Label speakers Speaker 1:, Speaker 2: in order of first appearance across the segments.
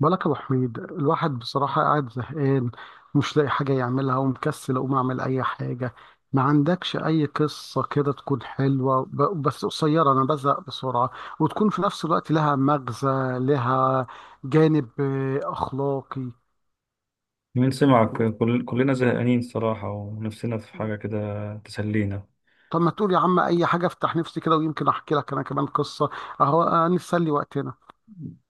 Speaker 1: بالك يا ابو حميد، الواحد بصراحه قاعد زهقان، مش لاقي حاجه يعملها ومكسل اقوم اعمل اي حاجه. ما عندكش اي قصه كده تكون حلوه بس قصيره، انا بزهق بسرعه، وتكون في نفس الوقت لها مغزى، لها جانب اخلاقي.
Speaker 2: مين سمعك؟
Speaker 1: و-
Speaker 2: كلنا زهقانين الصراحة ونفسنا في حاجة كده تسلينا.
Speaker 1: طب ما تقول يا عم اي حاجه، افتح نفسي كده ويمكن احكي لك انا كمان قصه. اهو نسلي وقتنا.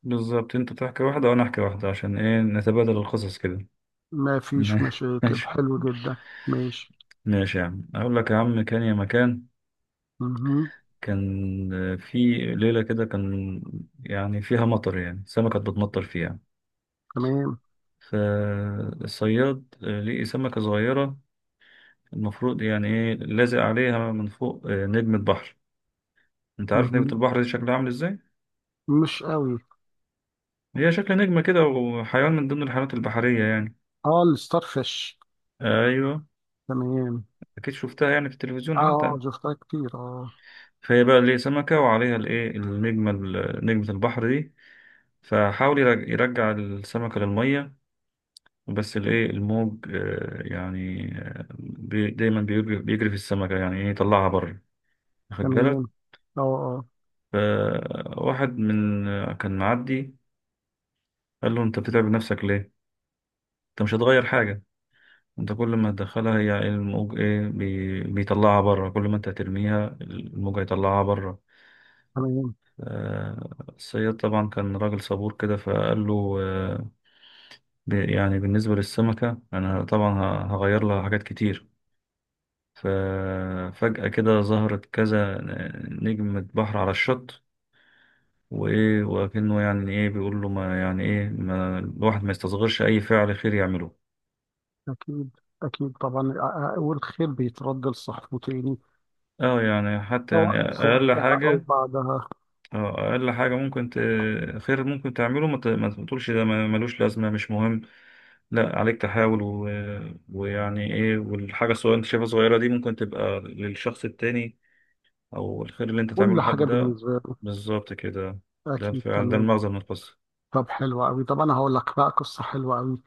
Speaker 2: بالظبط، انت تحكي واحدة وانا احكي واحدة، عشان ايه، نتبادل القصص كده.
Speaker 1: ما فيش مشاكل،
Speaker 2: ماشي.
Speaker 1: حلو جدا. ماشي.
Speaker 2: ماشي يا عم، اقول لك يا عم، كان يا مكان.
Speaker 1: مهم.
Speaker 2: كان في ليلة كده، كان يعني فيها مطر، يعني سمكة بتمطر فيها.
Speaker 1: تمام.
Speaker 2: فالصياد لقي سمكة صغيرة، المفروض يعني ايه، لازق عليها من فوق نجمة بحر. انت عارف نجمة
Speaker 1: مهم.
Speaker 2: البحر دي شكلها عامل ازاي؟
Speaker 1: مش قوي.
Speaker 2: هي شكل نجمة كده، وحيوان من ضمن الحيوانات البحرية يعني.
Speaker 1: اه الستار فيش.
Speaker 2: أيوه.
Speaker 1: تمام.
Speaker 2: أكيد شفتها يعني في التلفزيون
Speaker 1: اه
Speaker 2: حتى.
Speaker 1: شفتها كتير اه.
Speaker 2: فهي بقى اللي سمكة وعليها الإيه النجمة نجمة البحر دي، فحاول يرجع السمكة للمية، بس الإيه الموج، بي دايما بيجري بيجري في السمكة يعني إيه يطلعها بره. واخد
Speaker 1: تمام.
Speaker 2: بالك؟
Speaker 1: اه اه.
Speaker 2: فواحد من كان معدي، قال له أنت بتتعب نفسك ليه؟ أنت مش هتغير حاجة. انت كل ما تدخلها هي الموج ايه بيطلعها بره، كل ما انت ترميها الموج هيطلعها بره.
Speaker 1: تمام.
Speaker 2: آه، الصياد طبعا كان راجل صبور كده، فقال له يعني بالنسبة للسمكة انا طبعا هغير لها حاجات كتير. ففجأة كده ظهرت كذا نجمة بحر على الشط، وايه، وكأنه يعني ايه بيقول له، ما يعني ايه، ما الواحد ما يستصغرش اي فعل خير يعمله.
Speaker 1: اكيد. اكيد طبعا، والخير بيترد لصاحبه تاني،
Speaker 2: اه يعني حتى يعني
Speaker 1: سواء في
Speaker 2: اقل
Speaker 1: وقتها او
Speaker 2: حاجة.
Speaker 1: بعدها.
Speaker 2: اه، اقل حاجه ممكن خير ممكن تعمله، ما تقولش ده ملوش لازمه، مش مهم. لا، عليك تحاول ويعني ايه، والحاجه الصغيره انت شايفها صغيره دي ممكن تبقى للشخص التاني، او الخير اللي انت تعمله
Speaker 1: كل حاجه
Speaker 2: لحد ده.
Speaker 1: بالنسبه له.
Speaker 2: بالظبط كده. ده
Speaker 1: اكيد،
Speaker 2: الفعل، ده
Speaker 1: تمام.
Speaker 2: المغزى من القصه.
Speaker 1: طب حلو قوي، طب انا هقول لك بقى قصه حلوه قوي.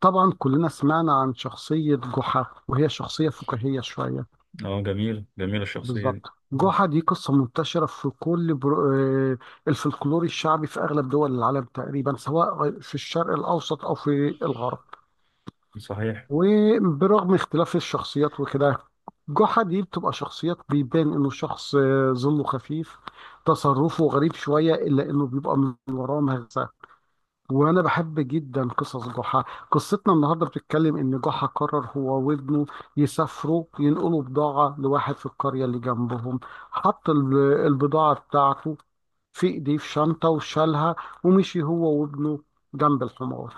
Speaker 1: طبعا كلنا سمعنا عن شخصيه جحا، وهي شخصيه فكاهيه شويه.
Speaker 2: اه، جميل جميل الشخصيه دي.
Speaker 1: بالظبط.
Speaker 2: مم.
Speaker 1: جحا دي قصة منتشرة في كل برو... آه، الفلكلور الشعبي في أغلب دول العالم تقريبا، سواء في الشرق الأوسط أو في الغرب.
Speaker 2: صحيح.
Speaker 1: وبرغم اختلاف الشخصيات وكده، جحا دي بتبقى شخصيات بيبان إنه شخص ظله خفيف، تصرفه غريب شوية، إلا إنه بيبقى من وراه مغزى. وانا بحب جدا قصص ضحى. قصتنا النهارده بتتكلم ان ضحى قرر هو وابنه يسافروا ينقلوا بضاعه لواحد في القريه اللي جنبهم. حط البضاعه بتاعته في ايديه في شنطه وشالها، ومشي هو وابنه جنب الحمار.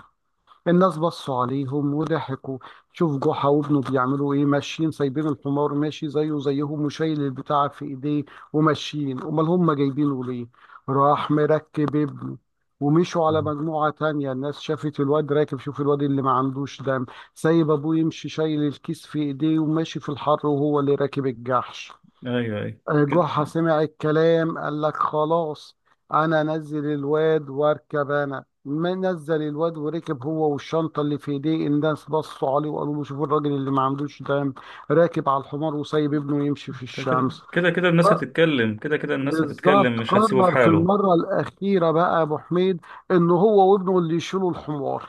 Speaker 1: الناس بصوا عليهم وضحكوا، شوف جحا وابنه بيعملوا ايه، ماشيين سايبين الحمار ماشي زيه زيهم وشايل البتاع في ايديه، وماشيين، امال هم جايبينه ليه. راح مركب ابنه، ومشوا على
Speaker 2: مم.
Speaker 1: مجموعة تانية. الناس شافت الواد راكب، شوف الواد اللي ما عندوش دم، سايب ابوه يمشي شايل الكيس في ايديه وماشي في الحر، وهو اللي راكب الجحش.
Speaker 2: ايوه ايوه. كده
Speaker 1: جحا سمع الكلام قال لك خلاص، انا نزل الواد واركب انا. ما نزل الواد وركب هو والشنطه اللي في ايديه، الناس بصوا عليه وقالوا له شوفوا الراجل اللي ما عندوش دم، راكب على الحمار وسايب ابنه يمشي في
Speaker 2: كده
Speaker 1: الشمس.
Speaker 2: كده كده،
Speaker 1: ف-
Speaker 2: الناس هتتكلم، كده كده الناس هتتكلم،
Speaker 1: بالظبط،
Speaker 2: مش هتسيبه في
Speaker 1: قرر في
Speaker 2: حاله.
Speaker 1: المره الاخيره بقى يا ابو حميد ان هو وابنه اللي يشيلوا الحمار.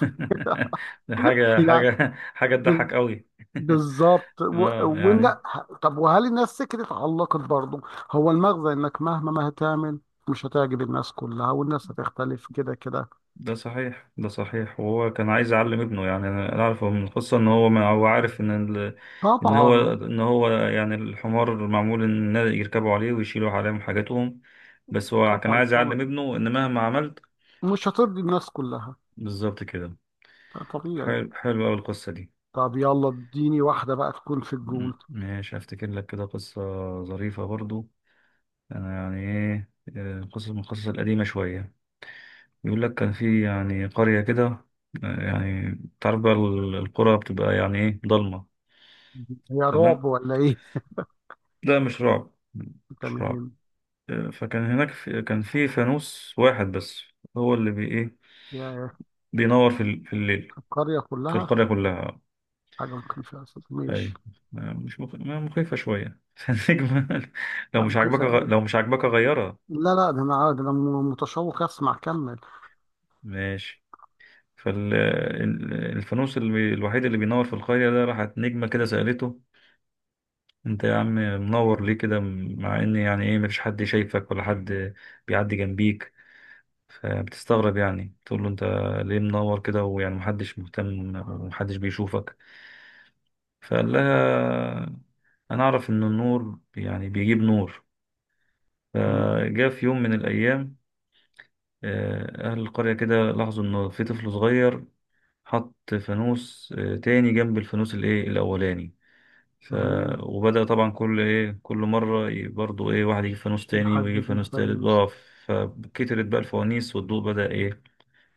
Speaker 2: حاجه
Speaker 1: يعني
Speaker 2: حاجه حاجه تضحك قوي.
Speaker 1: بالظبط
Speaker 2: اه يعني.
Speaker 1: طب وهل الناس سكتت، علقت برضه؟ هو المغزى انك مهما ما هتعمل مش هتعجب الناس كلها، والناس هتختلف كده كده.
Speaker 2: ده صحيح، ده صحيح، وهو كان عايز يعلم ابنه، يعني انا أنا اعرفه من القصه ان هو، ما هو عارف ان ال... ان هو
Speaker 1: طبعا
Speaker 2: ان هو يعني الحمار معمول ان يركبوا عليه ويشيلوا عليهم حاجاتهم. بس هو كان
Speaker 1: طبعا.
Speaker 2: عايز
Speaker 1: طبعا
Speaker 2: يعلم ابنه ان مهما عملت.
Speaker 1: مش هترضي الناس كلها،
Speaker 2: بالظبط كده.
Speaker 1: ده طبيعي.
Speaker 2: حلو، حلو قوي القصه دي.
Speaker 1: طب يلا اديني واحدة بقى تكون في الجون.
Speaker 2: ماشي، افتكر لك كده قصه ظريفه برضو. انا يعني ايه، قصص من القصص القديمه شويه. بيقول لك كان في يعني قرية كده، يعني تعرف بقى القرى بتبقى يعني ايه ضلمة.
Speaker 1: هي رعب
Speaker 2: تمام.
Speaker 1: ولا ايه؟
Speaker 2: ده مش رعب، مش رعب.
Speaker 1: تمام.
Speaker 2: فكان هناك في كان في فانوس واحد بس، هو اللي بي ايه
Speaker 1: يا
Speaker 2: بينور في الليل،
Speaker 1: القرية
Speaker 2: في
Speaker 1: كلها.
Speaker 2: القرية كلها.
Speaker 1: حاجة ممكن فيها أساس، ماشي.
Speaker 2: اي. مش مخ... ما مخيفة شوية. فالنجمة،
Speaker 1: لا مخيفة أوي،
Speaker 2: لو مش عاجبك غيرها.
Speaker 1: لا لا، ده أنا، ده أنا متشوق أسمع، كمل.
Speaker 2: ماشي. فالفانوس الوحيد اللي بينور في القرية ده، راحت نجمة كده سألته. انت يا عم منور ليه كده، مع ان يعني ايه، مفيش حد شايفك ولا حد بيعدي جنبيك. فبتستغرب، يعني تقول له، انت ليه منور كده، ويعني محدش مهتم ومحدش بيشوفك. فقال لها، انا اعرف ان النور يعني بيجيب نور.
Speaker 1: دي
Speaker 2: فجاء في يوم من الايام، اهل القرية كده لاحظوا ان في طفل صغير حط فانوس تاني جنب الفانوس الايه الاولاني. ف...
Speaker 1: تمام.
Speaker 2: وبدأ طبعا كل ايه، كل مرة برضو ايه واحد يجيب فانوس تاني،
Speaker 1: لحد
Speaker 2: ويجيب
Speaker 1: دي
Speaker 2: فانوس تالت
Speaker 1: تمام.
Speaker 2: بقى. فكترت بقى الفوانيس، والضوء بدأ ايه،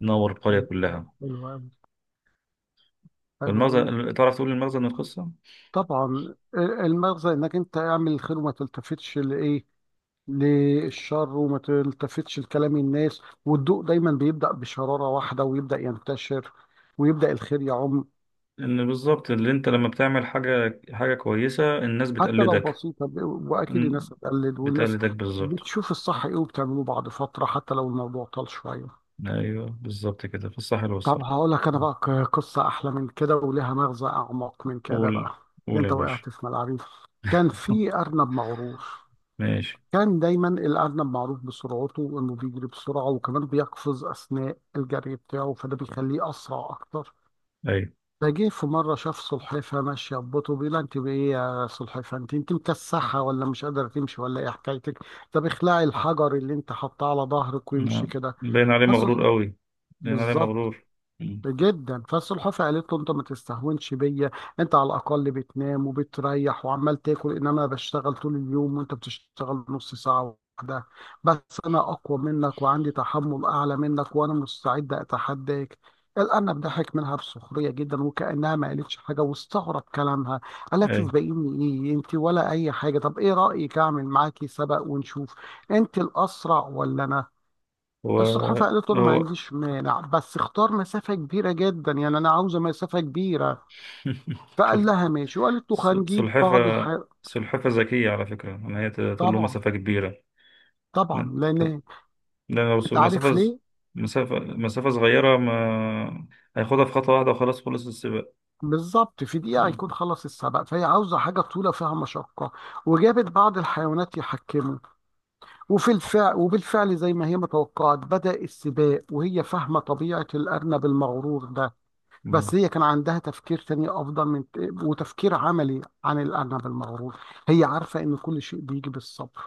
Speaker 2: ينور القرية
Speaker 1: حلو،
Speaker 2: كلها.
Speaker 1: حلو أوي، حلو أوي.
Speaker 2: فالمغزى، تعرف تقول المغزى من القصة؟
Speaker 1: طبعا المغزى إنك أنت اعمل الخير وما تلتفتش لإيه، للشر، وما تلتفتش لكلام الناس، والضوء دايما بيبدأ بشرارة واحدة ويبدأ ينتشر، ويبدأ الخير يعم.
Speaker 2: إن بالظبط اللي أنت لما بتعمل حاجة، حاجة كويسة، الناس
Speaker 1: حتى لو
Speaker 2: بتقلدك.
Speaker 1: بسيطة، وأكيد
Speaker 2: إن-
Speaker 1: الناس هتقلد، والناس
Speaker 2: بتقلدك بالظبط.
Speaker 1: بتشوف الصح إيه وبتعمله بعد فترة، حتى لو الموضوع طال شوية.
Speaker 2: أيوه بالظبط كده، في الصح
Speaker 1: طب
Speaker 2: والصراحة.
Speaker 1: هقول لك أنا بقى قصة أحلى من كده ولها مغزى أعمق من كده
Speaker 2: قول.
Speaker 1: بقى. ده
Speaker 2: قول يا
Speaker 1: أنت
Speaker 2: باشا.
Speaker 1: وقعت في ملعبي. كان في أرنب مغرور.
Speaker 2: ماشي.
Speaker 1: كان دايما الأرنب معروف بسرعته، إنه بيجري بسرعة وكمان بيقفز أثناء الجري بتاعه، فده بيخليه أسرع أكتر.
Speaker 2: أيوه.
Speaker 1: فجه في مرة شاف سلحفاة ماشية ببطء، بيقول لها أنت بإيه يا سلحفاة، أنت مكسحة ولا مش قادرة تمشي ولا إيه حكايتك؟ طب اخلعي الحجر اللي أنت حاطاه على ظهرك وامشي
Speaker 2: آه.
Speaker 1: كده.
Speaker 2: باين عليه
Speaker 1: فسح
Speaker 2: مغرور قوي. باين عليه
Speaker 1: بالظبط
Speaker 2: مغرور. مم.
Speaker 1: جدا. فالسلحفاه قالت له انت ما تستهونش بيا، انت على الاقل بتنام وبتريح وعمال تاكل، انما انا بشتغل طول اليوم وانت بتشتغل نص ساعه واحده بس، انا اقوى منك وعندي تحمل اعلى منك، وانا مستعد اتحداك. الارنب ضحك منها بسخريه جدا وكانها ما قالتش حاجه، واستغرب كلامها، الا
Speaker 2: أيوه.
Speaker 1: تسبقيني ايه انت ولا اي حاجه؟ طب ايه رايك اعمل معاكي سبق ونشوف انت الاسرع ولا انا.
Speaker 2: هو.
Speaker 1: الصحافة قالت له أنا ما
Speaker 2: هو
Speaker 1: عنديش مانع، بس اختار مسافة كبيرة جدا، يعني أنا عاوزة مسافة كبيرة. فقال
Speaker 2: شفت.
Speaker 1: لها ماشي، وقالت له
Speaker 2: س-
Speaker 1: هنجيب
Speaker 2: سلحفة
Speaker 1: بعض الحاجات.
Speaker 2: سلحفة ذكية على فكرة، إن هي تقول له
Speaker 1: طبعا
Speaker 2: مسافة كبيرة.
Speaker 1: طبعا
Speaker 2: لأن
Speaker 1: لأن
Speaker 2: لو س-
Speaker 1: أنت
Speaker 2: مسافة
Speaker 1: عارف
Speaker 2: ز-
Speaker 1: ليه؟
Speaker 2: مسافة مسافة صغيرة، ما هياخدها في خطوة واحدة، وخلاص خلص السباق.
Speaker 1: بالظبط، في دقيقة
Speaker 2: مم.
Speaker 1: هيكون خلص السبق، فهي عاوزة حاجة طويلة فيها مشقة. وجابت بعض الحيوانات يحكموا، وفي الفعل وبالفعل زي ما هي متوقعت بدأ السباق، وهي فاهمة طبيعة الأرنب المغرور ده.
Speaker 2: مم.
Speaker 1: بس هي كان عندها تفكير تاني افضل من، وتفكير عملي عن الارنب المغرور. هي عارفه ان كل شيء بيجي بالصبر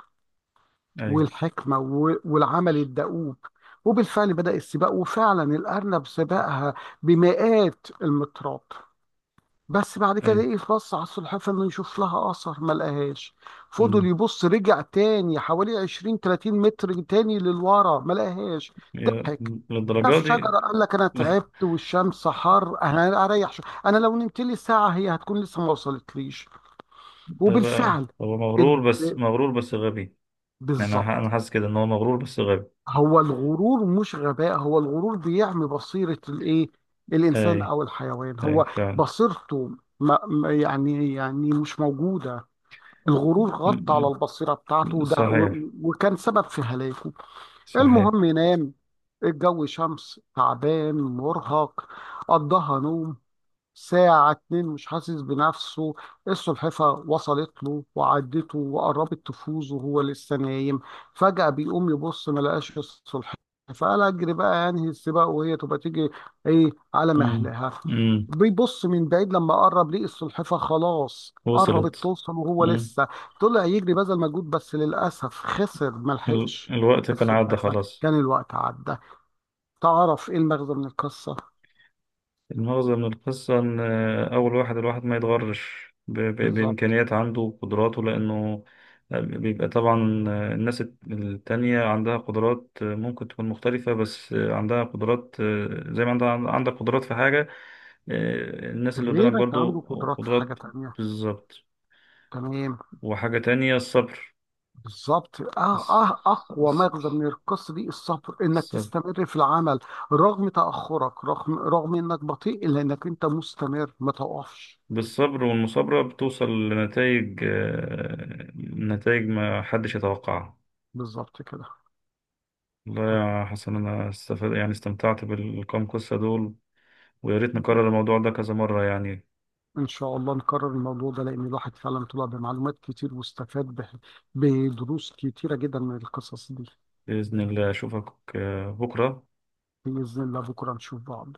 Speaker 2: أي.
Speaker 1: والحكمه والعمل الدؤوب. وبالفعل بدأ السباق، وفعلا الارنب سبقها بمئات المترات. بس بعد كده
Speaker 2: أي.
Speaker 1: ايه يخص على السلحفاه انه يشوف لها اثر، ما لقاهاش. فضل
Speaker 2: مم.
Speaker 1: يبص، رجع تاني حوالي 20 30 متر تاني للورا، ما لقاهاش.
Speaker 2: يا-
Speaker 1: ضحك،
Speaker 2: للدرجة
Speaker 1: شاف
Speaker 2: دي.
Speaker 1: شجره، قال لك انا تعبت والشمس حر، انا اريح انا لو نمت لي ساعه هي هتكون لسه ما وصلتليش.
Speaker 2: ده بقى
Speaker 1: وبالفعل
Speaker 2: هو مغرور، بس
Speaker 1: اد-
Speaker 2: مغرور بس غبي. أنا
Speaker 1: بالظبط.
Speaker 2: حاسس كده إن هو مغرور بس غبي.
Speaker 1: هو الغرور مش غباء، هو الغرور بيعمي بصيره الايه، الانسان
Speaker 2: أي.
Speaker 1: او الحيوان،
Speaker 2: أي
Speaker 1: هو
Speaker 2: فعلا.
Speaker 1: بصيرته يعني مش موجوده. الغرور غطى على
Speaker 2: مم.
Speaker 1: البصيرة بتاعته،
Speaker 2: مم. صحيح.
Speaker 1: وكان سبب في هلاكه.
Speaker 2: صحيح.
Speaker 1: المهم نام، الجو شمس، تعبان مرهق، قضاها نوم ساعة اتنين مش حاسس بنفسه. السلحفة وصلت له وعدته وقربت تفوز وهو لسه نايم. فجأة بيقوم يبص ما لقاش السلحفة، فقال أجري بقى أنهي السباق وهي تبقى تيجي إيه على
Speaker 2: مم.
Speaker 1: مهلها.
Speaker 2: مم.
Speaker 1: بيبص من بعيد، لما قرب ليه السلحفة خلاص قربت
Speaker 2: وصلت.
Speaker 1: توصل وهو
Speaker 2: مم.
Speaker 1: لسه، طلع يجري بذل مجهود، بس للأسف خسر ملحقش
Speaker 2: الوقت كان عدى
Speaker 1: السلحفة،
Speaker 2: خلاص.
Speaker 1: كان الوقت عدى. تعرف إيه المغزى من القصة؟
Speaker 2: المغزى من القصة إن أول واحد، الواحد ما يتغرش
Speaker 1: بالظبط،
Speaker 2: بإمكانيات عنده وقدراته، لأنه بيبقى طبعا، الناس التانية عندها قدرات، ممكن تكون مختلفة، بس عندها قدرات، زي ما عندك قدرات في حاجة، الناس اللي قدامك
Speaker 1: غيرك
Speaker 2: برضو
Speaker 1: عنده قدرات في حاجة
Speaker 2: قدرات.
Speaker 1: تانية.
Speaker 2: بالظبط.
Speaker 1: تمام.
Speaker 2: وحاجة تانية، الصبر.
Speaker 1: بالظبط، آه آه،
Speaker 2: الص-
Speaker 1: أقوى
Speaker 2: الص-
Speaker 1: مغزى من القصة دي الصبر، إنك
Speaker 2: الصبر.
Speaker 1: تستمر في العمل رغم تأخرك، رغم إنك بطيء، إلا إنك أنت مستمر ما تقفش.
Speaker 2: بالصبر والمثابرة بتوصل لنتائج، نتائج ما حدش يتوقعها.
Speaker 1: بالظبط كده.
Speaker 2: والله
Speaker 1: طب
Speaker 2: يا حسن، أنا استفاد يعني استمتعت بالكام قصة دول. ويا ريت نكرر الموضوع ده كذا مرة يعني.
Speaker 1: إن شاء الله نكرر الموضوع ده، لأن الواحد فعلا طلع بمعلومات كتير، واستفاد بدروس كتيرة جدا من القصص دي.
Speaker 2: بإذن الله أشوفك بكرة.
Speaker 1: بإذن الله بكرة نشوف بعض.